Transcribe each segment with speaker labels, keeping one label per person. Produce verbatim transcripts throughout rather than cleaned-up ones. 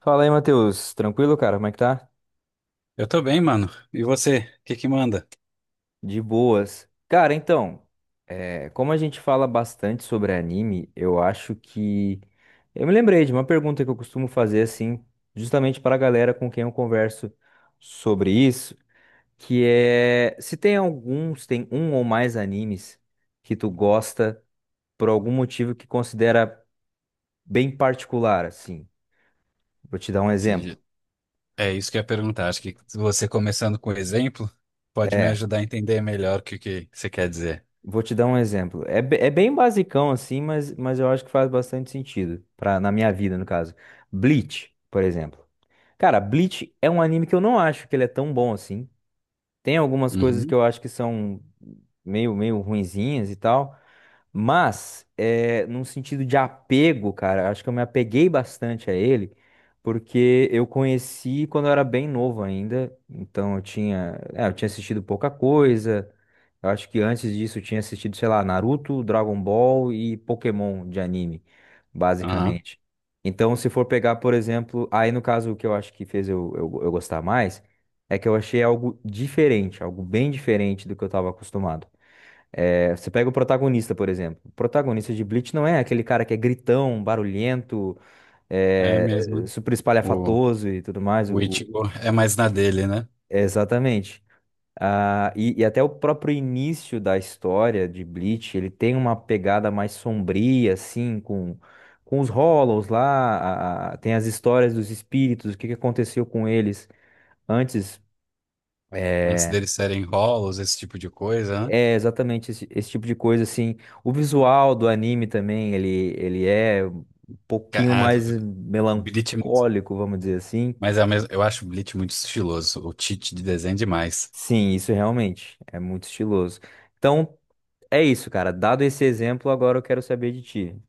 Speaker 1: Fala aí, Matheus. Tranquilo, cara? Como é que tá?
Speaker 2: Eu tô bem, mano. E você? O que que manda?
Speaker 1: De boas. Cara, então, é, como a gente fala bastante sobre anime, eu acho que. Eu me lembrei de uma pergunta que eu costumo fazer, assim, justamente para a galera com quem eu converso sobre isso, que é se tem alguns, tem um ou mais animes que tu gosta por algum motivo que considera bem particular, assim. Vou te dar um exemplo.
Speaker 2: Se- É isso que eu ia perguntar. Acho que você começando com o exemplo pode me
Speaker 1: É,
Speaker 2: ajudar a entender melhor o que que você quer dizer.
Speaker 1: Vou te dar um exemplo. É, be- é bem basicão assim, mas, mas eu acho que faz bastante sentido pra, na minha vida, no caso. Bleach, por exemplo. Cara, Bleach é um anime que eu não acho que ele é tão bom assim. Tem algumas coisas que
Speaker 2: Uhum.
Speaker 1: eu acho que são meio, meio ruinzinhas e tal. Mas, é, num sentido de apego, cara, acho que eu me apeguei bastante a ele, porque eu conheci quando eu era bem novo ainda, então eu tinha, é, eu tinha assistido pouca coisa, eu acho que antes disso eu tinha assistido, sei lá, Naruto, Dragon Ball e Pokémon de anime,
Speaker 2: Aham.
Speaker 1: basicamente. Então, se for pegar, por exemplo, aí no caso o que eu acho que fez eu, eu eu gostar mais, é que eu achei algo diferente, algo bem diferente do que eu estava acostumado. É, você pega o protagonista, por exemplo. O protagonista de Bleach não é aquele cara que é gritão, barulhento,
Speaker 2: É
Speaker 1: é,
Speaker 2: mesmo, né?
Speaker 1: super
Speaker 2: O,
Speaker 1: espalhafatoso e tudo mais. O-
Speaker 2: o
Speaker 1: o-
Speaker 2: Ichigo é mais na dele, né?
Speaker 1: exatamente. Ah, e, e até o próprio início da história de Bleach, ele tem uma pegada mais sombria, assim, com, com os Hollows lá, a- a- tem as histórias dos espíritos, o que que aconteceu com eles antes.
Speaker 2: Antes
Speaker 1: é,
Speaker 2: deles serem rolos, esse tipo de coisa, né?
Speaker 1: É exatamente esse, esse tipo de coisa assim. O visual do anime também, ele, ele é um
Speaker 2: Ca-
Speaker 1: pouquinho
Speaker 2: Ah,
Speaker 1: mais
Speaker 2: Bleach é muito...
Speaker 1: melancólico, vamos dizer assim.
Speaker 2: Mas é o mesmo... Eu acho o Bleach muito estiloso. O Tite de desenho é demais.
Speaker 1: Sim, isso realmente é muito estiloso. Então, é isso, cara. Dado esse exemplo, agora eu quero saber de ti.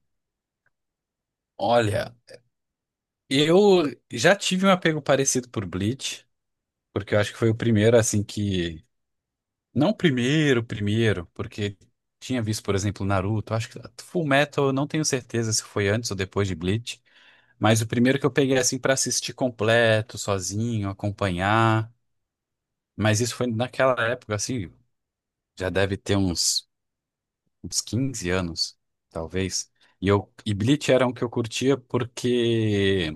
Speaker 2: Olha, eu já tive um apego parecido por Bleach, porque eu acho que foi o primeiro, assim, que. Não o primeiro, primeiro, porque tinha visto, por exemplo, Naruto. Acho que Full Metal, eu não tenho certeza se foi antes ou depois de Bleach. Mas o primeiro que eu peguei, assim, pra assistir completo, sozinho, acompanhar. Mas isso foi naquela época, assim, já deve ter uns, uns quinze anos, talvez. E, eu, e Bleach era um que eu curtia porque.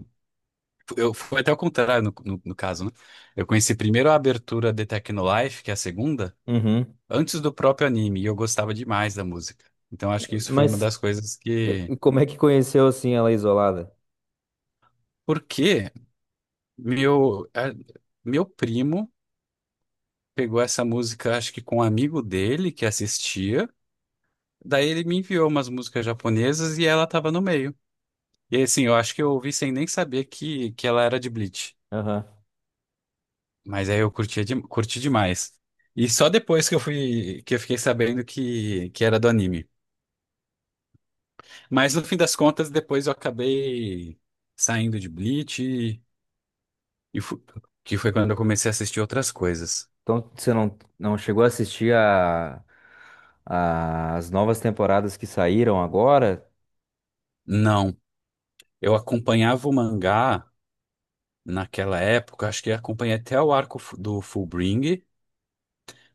Speaker 2: Eu, foi até o contrário no, no, no caso, né? Eu conheci primeiro a abertura de Technolife, que é a segunda,
Speaker 1: Uhum.
Speaker 2: antes do próprio anime, e eu gostava demais da música. Então acho que isso foi uma
Speaker 1: Mas
Speaker 2: das coisas
Speaker 1: e-
Speaker 2: que.
Speaker 1: e como é que conheceu assim ela isolada?
Speaker 2: Porque meu, a- meu primo pegou essa música, acho que com um amigo dele que assistia, daí ele me enviou umas músicas japonesas e ela tava no meio. E assim, eu acho que eu ouvi sem nem saber que, que ela era de Bleach.
Speaker 1: Aham.
Speaker 2: Mas aí eu curtia de- curti demais. E só depois que eu fui, que eu fiquei sabendo que, que era do anime. Mas no fim das contas, depois eu acabei saindo de Bleach, e, e fu- que foi quando eu comecei a assistir outras coisas.
Speaker 1: Então, você não, não chegou a assistir a, a- as novas temporadas que saíram agora?
Speaker 2: Não, eu acompanhava o mangá naquela época, acho que acompanhei até o arco fu- do Fullbring,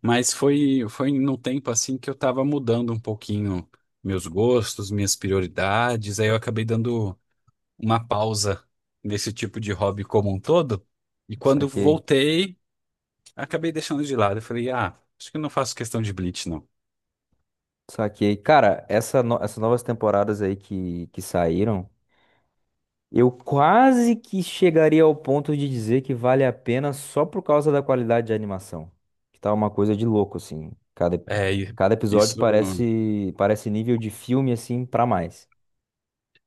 Speaker 2: mas foi, foi num tempo assim que eu tava mudando um pouquinho meus gostos, minhas prioridades, aí eu acabei dando uma pausa desse tipo de hobby como um todo. E quando
Speaker 1: Saquei.
Speaker 2: voltei, acabei deixando de lado. Eu falei, ah, acho que eu não faço questão de Bleach, não.
Speaker 1: Saquei. Cara, essa no- essas novas temporadas aí que, que saíram, eu quase que chegaria ao ponto de dizer que vale a pena só por causa da qualidade de animação. Que tá uma coisa de louco, assim. Cada,
Speaker 2: É, e
Speaker 1: cada episódio
Speaker 2: isso,
Speaker 1: parece, parece nível de filme, assim, pra mais.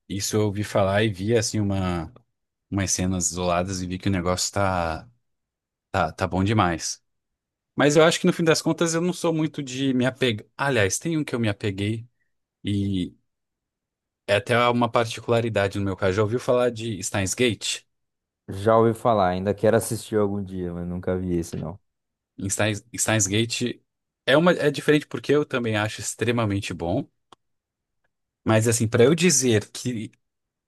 Speaker 2: isso eu ouvi falar e vi, assim, uma, umas cenas isoladas e vi que o negócio tá, tá, tá bom demais. Mas eu acho que no fim das contas eu não sou muito de me apegar. Aliás, tem um que eu me apeguei e é até uma particularidade no meu caso. Já ouviu falar de Steins Gate?
Speaker 1: Já ouvi falar, ainda quero assistir algum dia, mas nunca vi esse, não.
Speaker 2: Em Steins, Steins Gate é uma é diferente porque eu também acho extremamente bom, mas assim, para eu dizer que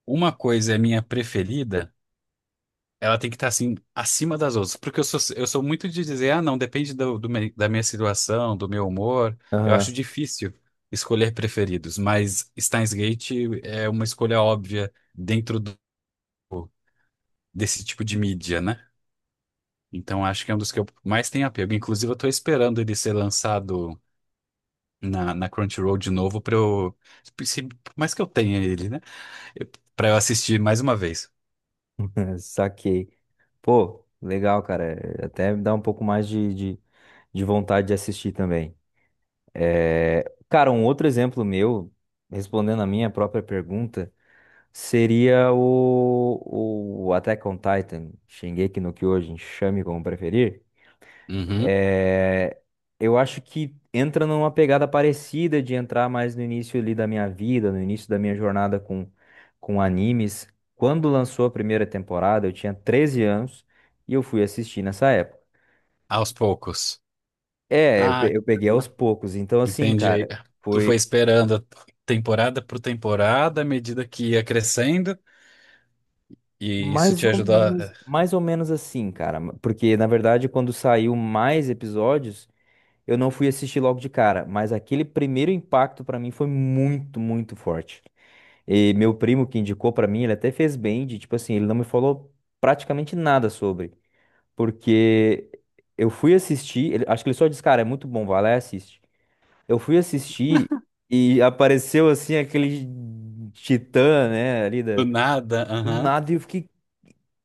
Speaker 2: uma coisa é minha preferida, ela tem que estar assim acima das outras, porque eu sou eu sou muito de dizer, ah, não, depende do, do me- da minha situação, do meu humor. Eu
Speaker 1: Aham,
Speaker 2: acho difícil escolher preferidos, mas Steins Gate é uma escolha óbvia dentro do- desse tipo de mídia, né? Então acho que é um dos que eu mais tenho apego. Inclusive, eu tô esperando ele ser lançado na, na Crunchyroll de novo pra eu. Se, por mais que eu tenha ele, né? Eu- Pra eu assistir mais uma vez.
Speaker 1: saquei. Pô, legal, cara. Até me dá um pouco mais de, de, de vontade de assistir também. É, cara, um outro exemplo meu, respondendo a minha própria pergunta, seria o, o Attack on Titan, Shingeki no Kyojin, chame como preferir.
Speaker 2: Uhum.
Speaker 1: É, eu acho que entra numa pegada parecida de entrar mais no início ali da minha vida, no início da minha jornada com, com animes. Quando lançou a primeira temporada, eu tinha treze anos e eu fui assistir nessa época.
Speaker 2: Aos poucos.
Speaker 1: É, eu
Speaker 2: Ah,
Speaker 1: pe- eu peguei
Speaker 2: uhum,
Speaker 1: aos poucos. Então, assim,
Speaker 2: entendi. Aí,
Speaker 1: cara.
Speaker 2: tu foi
Speaker 1: Foi
Speaker 2: esperando temporada por temporada, à medida que ia crescendo, e isso
Speaker 1: Mais
Speaker 2: te
Speaker 1: ou
Speaker 2: ajudou
Speaker 1: menos,
Speaker 2: a-
Speaker 1: mais ou menos assim, cara. Porque, na verdade, quando saiu mais episódios, eu não fui assistir logo de cara. Mas aquele primeiro impacto pra mim foi muito, muito forte. E meu primo que indicou pra mim, ele até fez bem de, tipo assim, ele não me falou praticamente nada sobre. Porque eu fui assistir, ele- acho que ele só disse, cara, é muito bom, vai lá e assiste. Eu fui assistir e apareceu assim aquele titã, né, ali da.
Speaker 2: Do nada.
Speaker 1: Do
Speaker 2: Aham.
Speaker 1: nada e eu fiquei,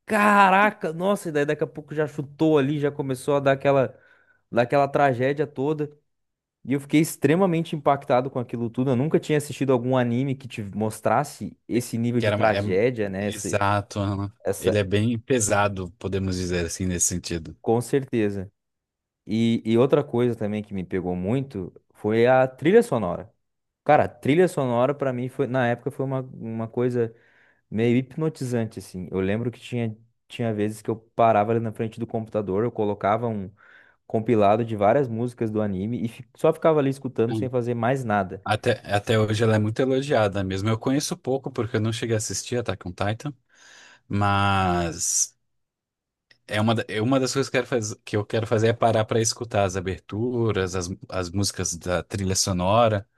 Speaker 1: caraca, nossa, e daí daqui a pouco já chutou ali, já começou a dar aquela, dar aquela tragédia toda. E eu fiquei extremamente impactado com aquilo tudo. Eu nunca tinha assistido algum anime que te mostrasse esse nível
Speaker 2: Que
Speaker 1: de
Speaker 2: era. uma- É...
Speaker 1: tragédia, né? Esse,
Speaker 2: Exato. Aham.
Speaker 1: essa,
Speaker 2: Ele é bem pesado, podemos dizer assim, nesse sentido.
Speaker 1: com certeza. E, e outra coisa também que me pegou muito foi a trilha sonora. Cara, a trilha sonora pra mim foi, na época foi uma, uma coisa meio hipnotizante, assim. Eu lembro que tinha, tinha vezes que eu parava ali na frente do computador, eu colocava um, compilado de várias músicas do anime e fi- só ficava ali escutando sem
Speaker 2: Hum.
Speaker 1: fazer mais nada.
Speaker 2: Até, até hoje ela é muito elogiada mesmo. Eu conheço pouco porque eu não cheguei a assistir Attack on Titan. Mas é uma, da- é uma das coisas que eu quero fazer, que eu quero fazer, é parar para escutar as aberturas, as, as músicas da trilha sonora,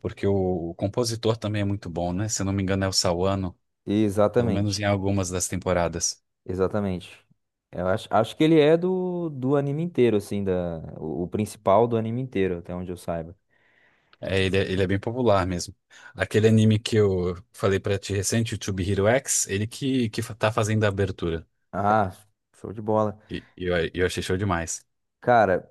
Speaker 2: porque o, o compositor também é muito bom, né? Se eu não me engano, é o Sawano, pelo menos
Speaker 1: Exatamente,
Speaker 2: em algumas das temporadas.
Speaker 1: exatamente. Eu acho, acho que ele é do, do anime inteiro, assim, da, o, o principal do anime inteiro, até onde eu saiba.
Speaker 2: É, ele, é- ele é bem popular mesmo. Aquele anime que eu falei para ti recente, o Tube Hero X, ele que, que fa- tá fazendo a abertura.
Speaker 1: Ah, show de bola.
Speaker 2: E e eu, eu achei show demais.
Speaker 1: Cara,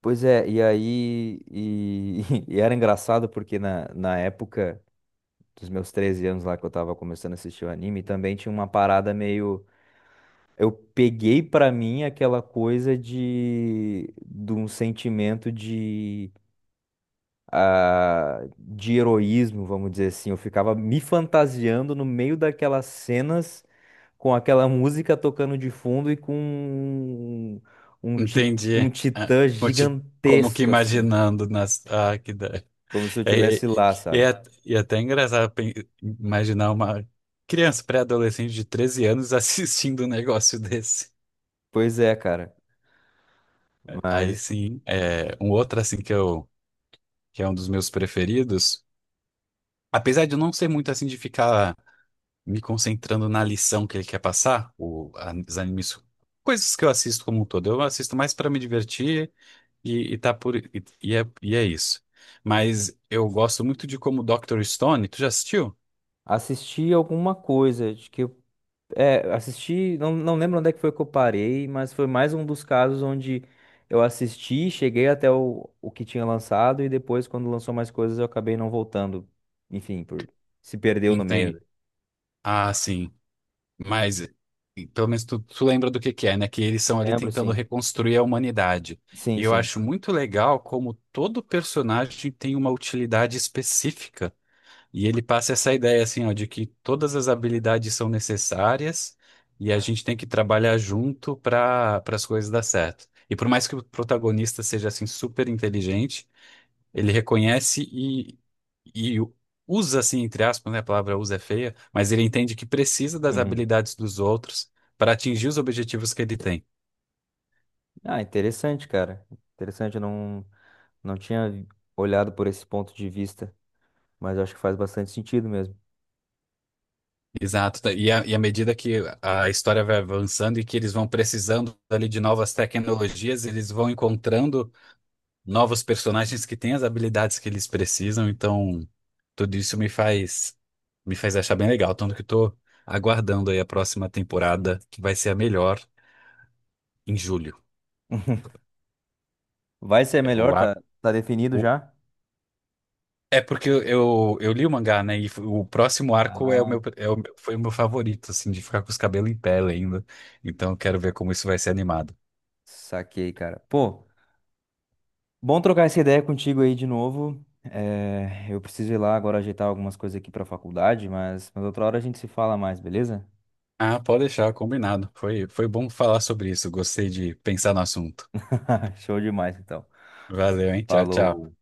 Speaker 1: pois é, e aí. E, e era engraçado porque na, na época dos meus treze anos lá que eu tava começando a assistir o anime, também tinha uma parada meio. Eu peguei pra mim aquela coisa de, de um sentimento de, ah, de heroísmo, vamos dizer assim. Eu ficava me fantasiando no meio daquelas cenas com aquela música tocando de fundo e com um, um, ti-
Speaker 2: Entendi.
Speaker 1: um
Speaker 2: Ah,
Speaker 1: titã
Speaker 2: conti- como que
Speaker 1: gigantesco, assim,
Speaker 2: imaginando nas. Ah, que da...
Speaker 1: como se eu
Speaker 2: É, é,
Speaker 1: tivesse lá,
Speaker 2: é,
Speaker 1: sabe?
Speaker 2: at- e é até engraçado pen- imaginar uma criança pré-adolescente de treze anos assistindo um negócio desse.
Speaker 1: Pois é, cara,
Speaker 2: Aí
Speaker 1: mas
Speaker 2: sim, é, um outro assim que eu que é um dos meus preferidos, apesar de eu não ser muito assim de ficar me concentrando na lição que ele quer passar, o, a- os animes, coisas que eu assisto como um todo, eu assisto mais para me divertir e, e tá por e, e é, e é isso. Mas eu gosto muito de como doutor Stone, tu já assistiu?
Speaker 1: assisti alguma coisa, acho que eu É, assisti, não, não lembro onde é que foi que eu parei, mas foi mais um dos casos onde eu assisti, cheguei até o, o que tinha lançado e depois, quando lançou mais coisas, eu acabei não voltando. Enfim, por se perdeu no
Speaker 2: Entende?
Speaker 1: meio.
Speaker 2: Ah, sim. Mas, e pelo menos tu, tu lembra do que que é, né? Que eles são ali
Speaker 1: Lembro,
Speaker 2: tentando
Speaker 1: sim.
Speaker 2: reconstruir a humanidade.
Speaker 1: Sim,
Speaker 2: E eu
Speaker 1: sim.
Speaker 2: acho muito legal como todo personagem tem uma utilidade específica. E ele passa essa ideia, assim, ó, de que todas as habilidades são necessárias e a gente tem que trabalhar junto para para as coisas dar certo. E por mais que o protagonista seja, assim, super inteligente, ele reconhece e, e usa, assim, entre aspas, né? A palavra usa é feia, mas ele entende que precisa das
Speaker 1: Uhum.
Speaker 2: habilidades dos outros para atingir os objetivos que ele tem.
Speaker 1: Ah, interessante, cara. Interessante, eu não, não tinha vi- olhado por esse ponto de vista, mas eu acho que faz bastante sentido mesmo.
Speaker 2: Exato. Tá, E, a- e à medida que a história vai avançando e que eles vão precisando ali de novas tecnologias, eles vão encontrando novos personagens que têm as habilidades que eles precisam. Então, tudo isso me faz me faz achar bem legal. Tanto que estou aguardando aí a próxima temporada, que vai ser a melhor em julho.
Speaker 1: Vai ser
Speaker 2: É, o
Speaker 1: melhor,
Speaker 2: ar.
Speaker 1: tá, tá definido
Speaker 2: O
Speaker 1: já?
Speaker 2: É porque eu, eu, eu li o mangá, né? E f- o próximo arco é o
Speaker 1: Ah,
Speaker 2: meu, é o, meu- foi o meu favorito, assim, de ficar com os cabelos em pé ainda. Então eu quero ver como isso vai ser animado.
Speaker 1: saquei, cara. Pô. Bom trocar essa ideia contigo aí de novo. Eh, eu preciso ir lá agora ajeitar algumas coisas aqui pra faculdade, mas, mas outra hora a gente se fala mais, beleza?
Speaker 2: Ah, pode deixar, combinado. Foi, foi bom falar sobre isso. Gostei de pensar no assunto.
Speaker 1: Show demais, então.
Speaker 2: Valeu, hein? Tchau, tchau.
Speaker 1: Falou.